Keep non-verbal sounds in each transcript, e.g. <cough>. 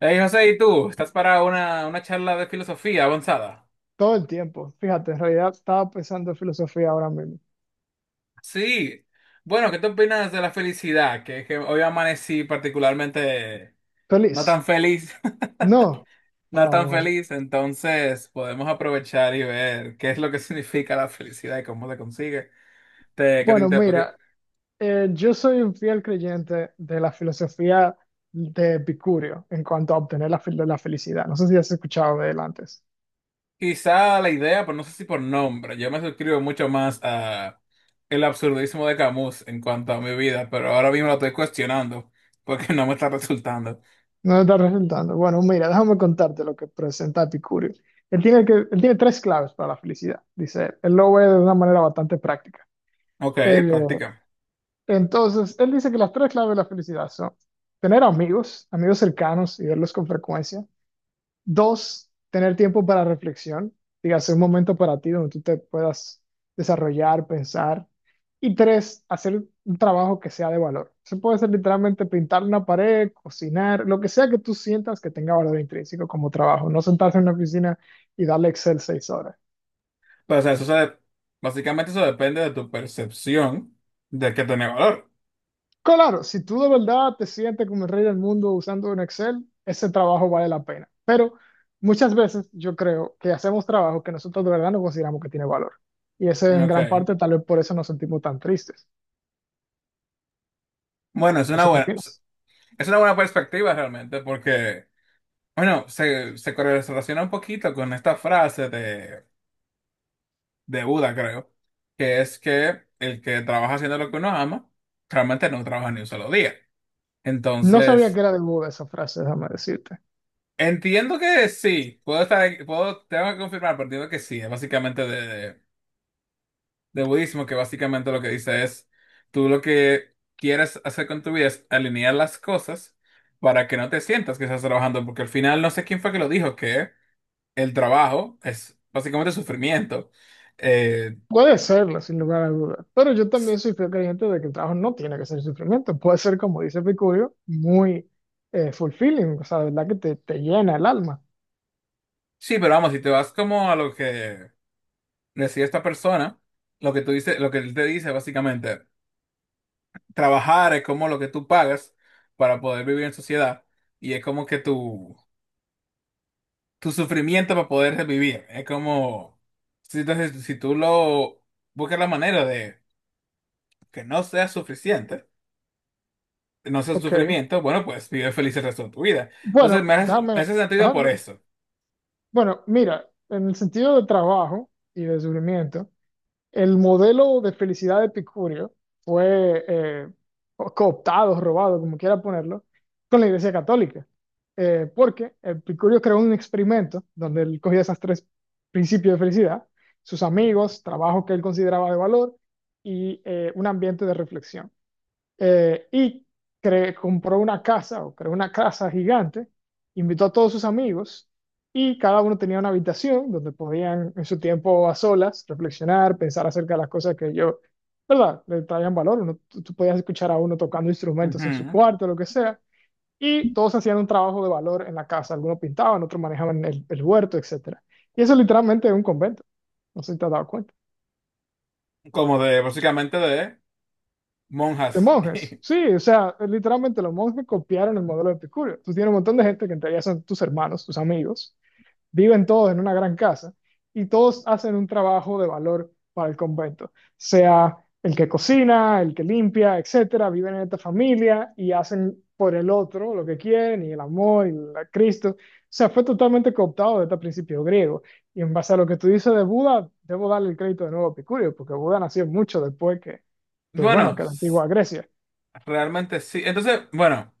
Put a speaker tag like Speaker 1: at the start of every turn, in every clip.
Speaker 1: Hey José, ¿y tú? ¿Estás para una charla de filosofía avanzada?
Speaker 2: Todo el tiempo. Fíjate, en realidad estaba pensando en filosofía ahora mismo.
Speaker 1: Sí. Bueno, ¿qué te opinas de la felicidad? Que hoy amanecí particularmente no tan
Speaker 2: ¿Feliz?
Speaker 1: feliz,
Speaker 2: No.
Speaker 1: <laughs>
Speaker 2: Ah,
Speaker 1: no tan
Speaker 2: bueno.
Speaker 1: feliz, entonces podemos aprovechar y ver qué es lo que <laughs> significa la felicidad y cómo se consigue. Te, que te
Speaker 2: Bueno,
Speaker 1: inter- porque
Speaker 2: mira, yo soy un fiel creyente de la filosofía de Epicurio en cuanto a obtener la felicidad. No sé si has escuchado de él antes.
Speaker 1: quizá la idea, pero no sé si por nombre, yo me suscribo mucho más a el absurdismo de Camus en cuanto a mi vida, pero ahora mismo lo estoy cuestionando porque no me está resultando.
Speaker 2: No te está resultando. Bueno, mira, déjame contarte lo que presenta Epicurio. Él tiene tres claves para la felicidad, dice él. Él lo ve de una manera bastante práctica.
Speaker 1: Ok,
Speaker 2: Eh,
Speaker 1: práctica.
Speaker 2: Entonces, él dice que las tres claves de la felicidad son tener amigos, amigos cercanos y verlos con frecuencia. Dos, tener tiempo para reflexión, dígase un momento para ti donde tú te puedas desarrollar, pensar. Y tres, hacer un trabajo que sea de valor. Eso puede ser literalmente pintar una pared, cocinar, lo que sea que tú sientas que tenga valor intrínseco como trabajo. No sentarse en una oficina y darle Excel 6 horas.
Speaker 1: Pero, o sea, básicamente eso depende de tu percepción de que tiene valor.
Speaker 2: Claro, si tú de verdad te sientes como el rey del mundo usando un Excel, ese trabajo vale la pena. Pero muchas veces yo creo que hacemos trabajo que nosotros de verdad no consideramos que tiene valor. Y eso es en
Speaker 1: Ok.
Speaker 2: gran parte tal vez por eso nos sentimos tan tristes.
Speaker 1: Bueno,
Speaker 2: No sé qué opinas.
Speaker 1: es una buena perspectiva realmente, porque, bueno, se correlaciona un poquito con esta frase de Buda, creo, que es que el que trabaja haciendo lo que uno ama, realmente no trabaja ni un solo día.
Speaker 2: No sabía que
Speaker 1: Entonces,
Speaker 2: era de Buda esa frase, déjame decirte.
Speaker 1: entiendo que sí, puedo estar, puedo, tengo que confirmar, pero entiendo que sí, es básicamente de budismo, que básicamente lo que dice es, tú lo que quieres hacer con tu vida es alinear las cosas para que no te sientas que estás trabajando, porque al final no sé quién fue que lo dijo, que el trabajo es básicamente sufrimiento. Eh,
Speaker 2: Puede serlo, sin lugar a dudas. Pero yo
Speaker 1: s-
Speaker 2: también soy fiel creyente de que el trabajo no tiene que ser sufrimiento. Puede ser, como dice Picurio, muy fulfilling, o sea, de verdad que te llena el alma.
Speaker 1: sí, pero vamos, si te vas como a lo que decía esta persona, lo que tú dices, lo que él te dice básicamente, trabajar es como lo que tú pagas para poder vivir en sociedad y es como que tú tu sufrimiento para poder revivir. Es como, si, entonces, si tú lo buscas la manera de que no sea suficiente, no sea un
Speaker 2: Ok.
Speaker 1: sufrimiento, bueno, pues vive feliz el resto de tu vida. Entonces
Speaker 2: Bueno,
Speaker 1: me
Speaker 2: déjame.
Speaker 1: hace sentido
Speaker 2: Ajá.
Speaker 1: por eso.
Speaker 2: Bueno, mira, en el sentido de trabajo y de sufrimiento, el modelo de felicidad de Epicurio fue o cooptado, robado, como quiera ponerlo, con la Iglesia Católica. Porque Epicurio creó un experimento donde él cogía esos tres principios de felicidad, sus amigos, trabajo que él consideraba de valor y un ambiente de reflexión eh, y compró una casa o creó una casa gigante, invitó a todos sus amigos y cada uno tenía una habitación donde podían en su tiempo a solas reflexionar, pensar acerca de las cosas que yo, ¿verdad?, le traían valor. Uno, tú podías escuchar a uno tocando instrumentos en su
Speaker 1: Ujú.
Speaker 2: cuarto, lo que sea. Y todos hacían un trabajo de valor en la casa. Algunos pintaban, otros manejaban el huerto, etcétera. Y eso literalmente es un convento. No sé si te has dado cuenta.
Speaker 1: Como de, básicamente de
Speaker 2: De
Speaker 1: monjas.
Speaker 2: monjes, sí,
Speaker 1: <laughs>
Speaker 2: o sea, literalmente los monjes copiaron el modelo de Epicurio. Tú tienes un montón de gente que en teoría son tus hermanos, tus amigos, viven todos en una gran casa y todos hacen un trabajo de valor para el convento, sea el que cocina, el que limpia, etcétera, viven en esta familia y hacen por el otro lo que quieren y el amor y el Cristo. O sea, fue totalmente cooptado de este principio griego. Y en base a lo que tú dices de Buda, debo darle el crédito de nuevo a Epicurio, porque Buda nació mucho después que bueno,
Speaker 1: Bueno,
Speaker 2: que la
Speaker 1: s-
Speaker 2: antigua Grecia.
Speaker 1: Realmente sí. Entonces, bueno,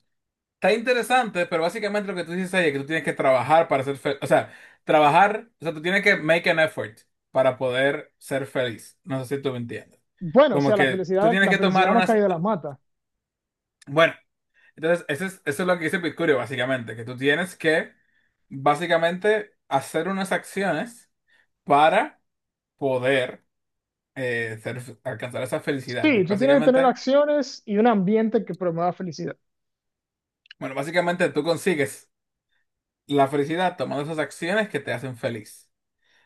Speaker 1: está interesante, pero básicamente lo que tú dices ahí es que tú tienes que trabajar para ser feliz. O sea, trabajar, o sea, tú tienes que make an effort para poder ser feliz. No sé si tú me entiendes.
Speaker 2: Bueno, o
Speaker 1: Como
Speaker 2: sea,
Speaker 1: que tú tienes
Speaker 2: la
Speaker 1: que tomar
Speaker 2: felicidad no
Speaker 1: unas...
Speaker 2: cae de las matas.
Speaker 1: Bueno, entonces eso es lo que dice Picurio, básicamente, que tú tienes que, básicamente, hacer unas acciones para poder alcanzar esa felicidad.
Speaker 2: Sí,
Speaker 1: Porque
Speaker 2: tú tienes que tener
Speaker 1: básicamente,
Speaker 2: acciones y un ambiente que promueva felicidad.
Speaker 1: bueno, básicamente tú consigues la felicidad tomando esas acciones que te hacen feliz.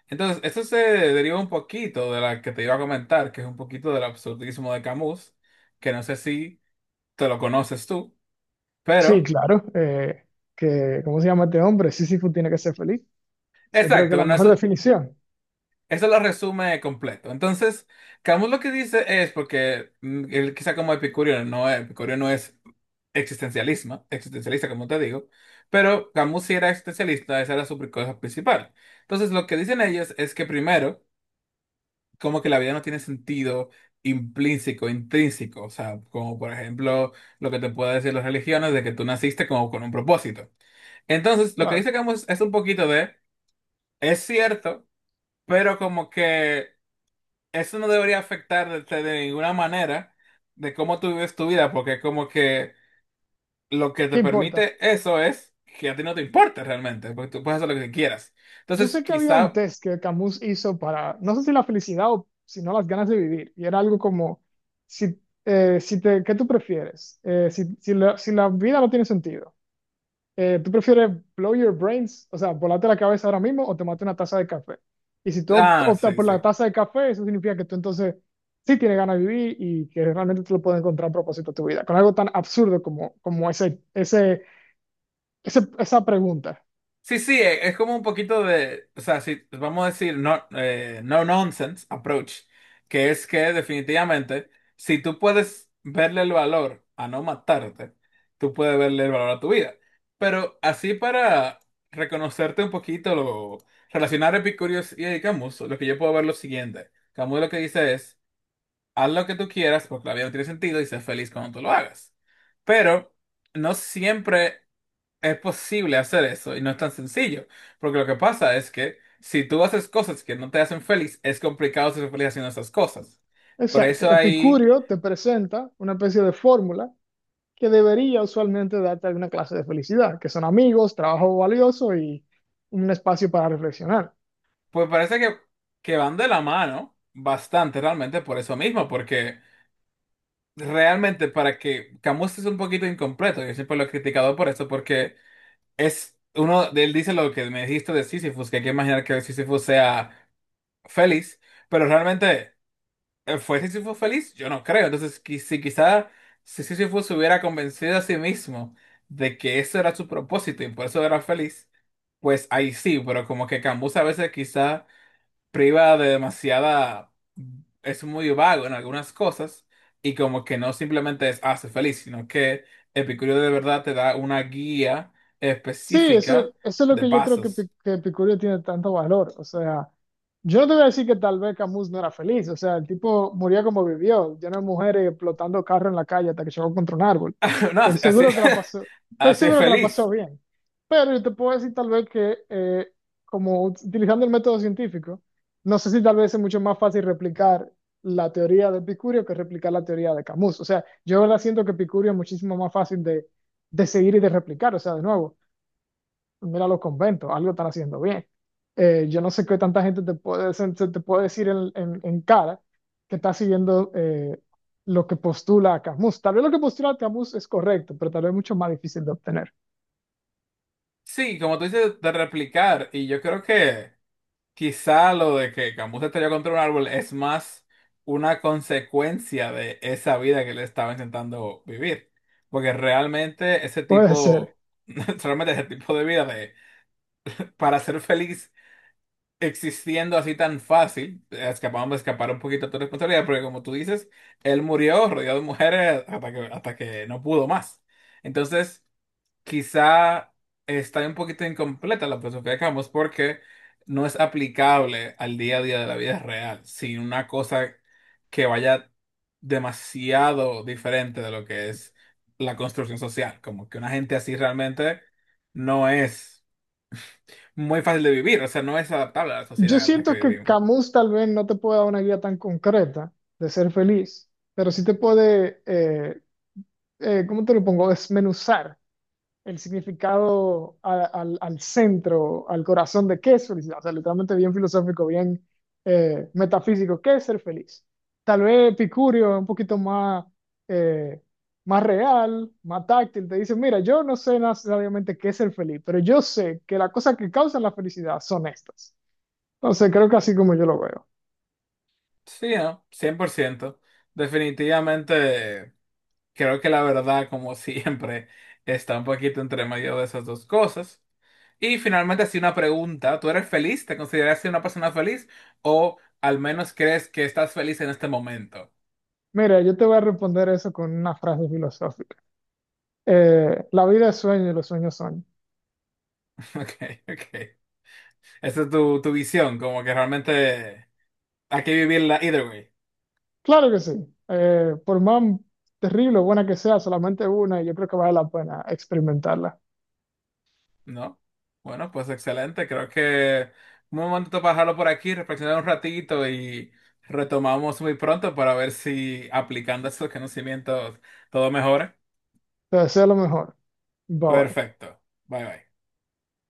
Speaker 1: Entonces, esto se deriva un poquito de la que te iba a comentar, que es un poquito del absurdismo de Camus, que no sé si te lo conoces tú,
Speaker 2: Sí,
Speaker 1: pero...
Speaker 2: claro. ¿Cómo se llama este hombre? Sísifo tiene que ser feliz. O sea, creo
Speaker 1: Exacto,
Speaker 2: que la
Speaker 1: bueno,
Speaker 2: mejor
Speaker 1: eso,
Speaker 2: definición.
Speaker 1: Eso lo resume completo. Entonces, Camus lo que dice es, porque él quizá como epicurio no es existencialismo, existencialista como te digo, pero Camus sí era existencialista, esa era su cosa principal. Entonces, lo que dicen ellos es que primero, como que la vida no tiene sentido implícito, intrínseco, o sea, como por ejemplo lo que te puede decir las religiones de que tú naciste como con un propósito. Entonces, lo que
Speaker 2: Claro.
Speaker 1: dice Camus es un poquito de, es cierto, pero como que eso no debería afectarte de ninguna manera de cómo tú vives tu vida, porque como que lo que
Speaker 2: ¿Qué
Speaker 1: te
Speaker 2: importa?
Speaker 1: permite eso es que a ti no te importe realmente, porque tú puedes hacer lo que quieras.
Speaker 2: Yo
Speaker 1: Entonces,
Speaker 2: sé que había un
Speaker 1: quizá,
Speaker 2: test que Camus hizo para, no sé si la felicidad o si no las ganas de vivir. Y era algo como, si, si te, ¿qué tú prefieres? Si la vida no tiene sentido. ¿Tú prefieres blow your brains, o sea, volarte la cabeza ahora mismo o tomarte una taza de café? Y si tú
Speaker 1: ah,
Speaker 2: optas
Speaker 1: sí,
Speaker 2: por
Speaker 1: sí.
Speaker 2: la taza de café, eso significa que tú entonces sí tienes ganas de vivir y que realmente tú lo puedes encontrar a propósito de tu vida, con algo tan absurdo como, como esa pregunta.
Speaker 1: Sí, sí, es como un poquito de, o sea, si vamos a decir no, no nonsense approach, que es que definitivamente, si tú puedes verle el valor a no matarte, tú puedes verle el valor a tu vida. Pero así para reconocerte un poquito, lo, relacionar Epicurio y a Camus, lo que yo puedo ver es lo siguiente. Camus lo que dice es, haz lo que tú quieras porque la vida no tiene sentido y sé feliz cuando tú lo hagas. Pero no siempre es posible hacer eso y no es tan sencillo, porque lo que pasa es que si tú haces cosas que no te hacen feliz, es complicado ser feliz haciendo esas cosas. Por
Speaker 2: Exacto.
Speaker 1: eso ahí,
Speaker 2: Epicurio te presenta una especie de fórmula que debería usualmente darte alguna clase de felicidad, que son amigos, trabajo valioso y un espacio para reflexionar.
Speaker 1: pues parece que van de la mano bastante realmente por eso mismo, porque realmente para que Camus es un poquito incompleto, yo siempre lo he criticado por eso, porque es uno, él dice lo que me dijiste de Sísifo, que hay que imaginar que Sísifo sea feliz, pero realmente... ¿fue Sísifo feliz? Yo no creo. Entonces, si quizá si Sísifo se hubiera convencido a sí mismo de que eso era su propósito y por eso era feliz, pues ahí sí, pero como que Cambus a veces quizá priva de demasiada... es muy vago en algunas cosas y como que no simplemente es hace feliz, sino que Epicurio de verdad te da una guía
Speaker 2: Sí,
Speaker 1: específica
Speaker 2: eso es lo
Speaker 1: de
Speaker 2: que yo creo
Speaker 1: pasos.
Speaker 2: Que Epicurio tiene tanto valor. O sea, yo no te voy a decir que tal vez Camus no era feliz. O sea, el tipo murió como vivió, lleno de mujeres explotando carros en la calle hasta que chocó contra un árbol.
Speaker 1: <laughs> No,
Speaker 2: Estoy
Speaker 1: así, así
Speaker 2: seguro que la
Speaker 1: <laughs>
Speaker 2: pasó, Estoy
Speaker 1: así es
Speaker 2: seguro que la
Speaker 1: feliz.
Speaker 2: pasó bien. Pero yo te puedo decir tal vez que, como utilizando el método científico, no sé si tal vez es mucho más fácil replicar la teoría de Epicurio que replicar la teoría de Camus. O sea, yo la siento que Epicurio es muchísimo más fácil de seguir y de replicar. O sea, de nuevo mira los conventos, algo están haciendo bien. Yo no sé qué tanta gente te puede, se te puede decir en, en cara que está siguiendo lo que postula Camus. Tal vez lo que postula Camus es correcto, pero tal vez mucho más difícil de obtener.
Speaker 1: Sí, como tú dices, de replicar, y yo creo que quizá lo de que Camus se estrelló contra un árbol es más una consecuencia de esa vida que él estaba intentando vivir. Porque realmente ese
Speaker 2: Puede ser.
Speaker 1: tipo, <laughs> realmente ese tipo de vida de para ser feliz existiendo así tan fácil, escapamos de escapar un poquito de tu responsabilidad, porque como tú dices, él murió rodeado de mujeres hasta que no pudo más. Entonces quizá está un poquito incompleta la filosofía de Camus porque no es aplicable al día a día de la vida real, sin una cosa que vaya demasiado diferente de lo que es la construcción social, como que una gente así realmente no es muy fácil de vivir, o sea, no es adaptable a la
Speaker 2: Yo
Speaker 1: sociedad en la que
Speaker 2: siento que
Speaker 1: vivimos.
Speaker 2: Camus tal vez no te puede dar una guía tan concreta de ser feliz, pero sí te puede, ¿cómo te lo pongo? Desmenuzar el significado al centro, al corazón de qué es felicidad. O sea, literalmente bien filosófico, bien metafísico, qué es ser feliz. Tal vez Epicurio es un poquito más, eh, más real, más táctil. Te dice, mira, yo no sé necesariamente qué es ser feliz, pero yo sé que las cosas que causan la felicidad son estas. Entonces, creo que así como yo lo veo.
Speaker 1: Sí, ¿no? 100%. Definitivamente creo que la verdad, como <laughs> siempre, está un poquito entre medio de esas dos cosas. Y finalmente, así una pregunta. ¿Tú eres feliz? ¿Te consideras una persona feliz? ¿O al menos crees que estás feliz en este momento?
Speaker 2: Mira, yo te voy a responder eso con una frase filosófica. La vida es sueño y los sueños son.
Speaker 1: <laughs> Ok, ok. Esa es tu visión, como que realmente hay que vivirla either way,
Speaker 2: Claro que sí. Por más terrible o buena que sea, solamente una, y yo creo que vale la pena experimentarla.
Speaker 1: ¿no? Bueno, pues excelente. Creo que un momento para dejarlo por aquí, reflexionar un ratito y retomamos muy pronto para ver si aplicando esos conocimientos todo mejora.
Speaker 2: Te deseo lo mejor. Bye bye.
Speaker 1: Perfecto. Bye bye.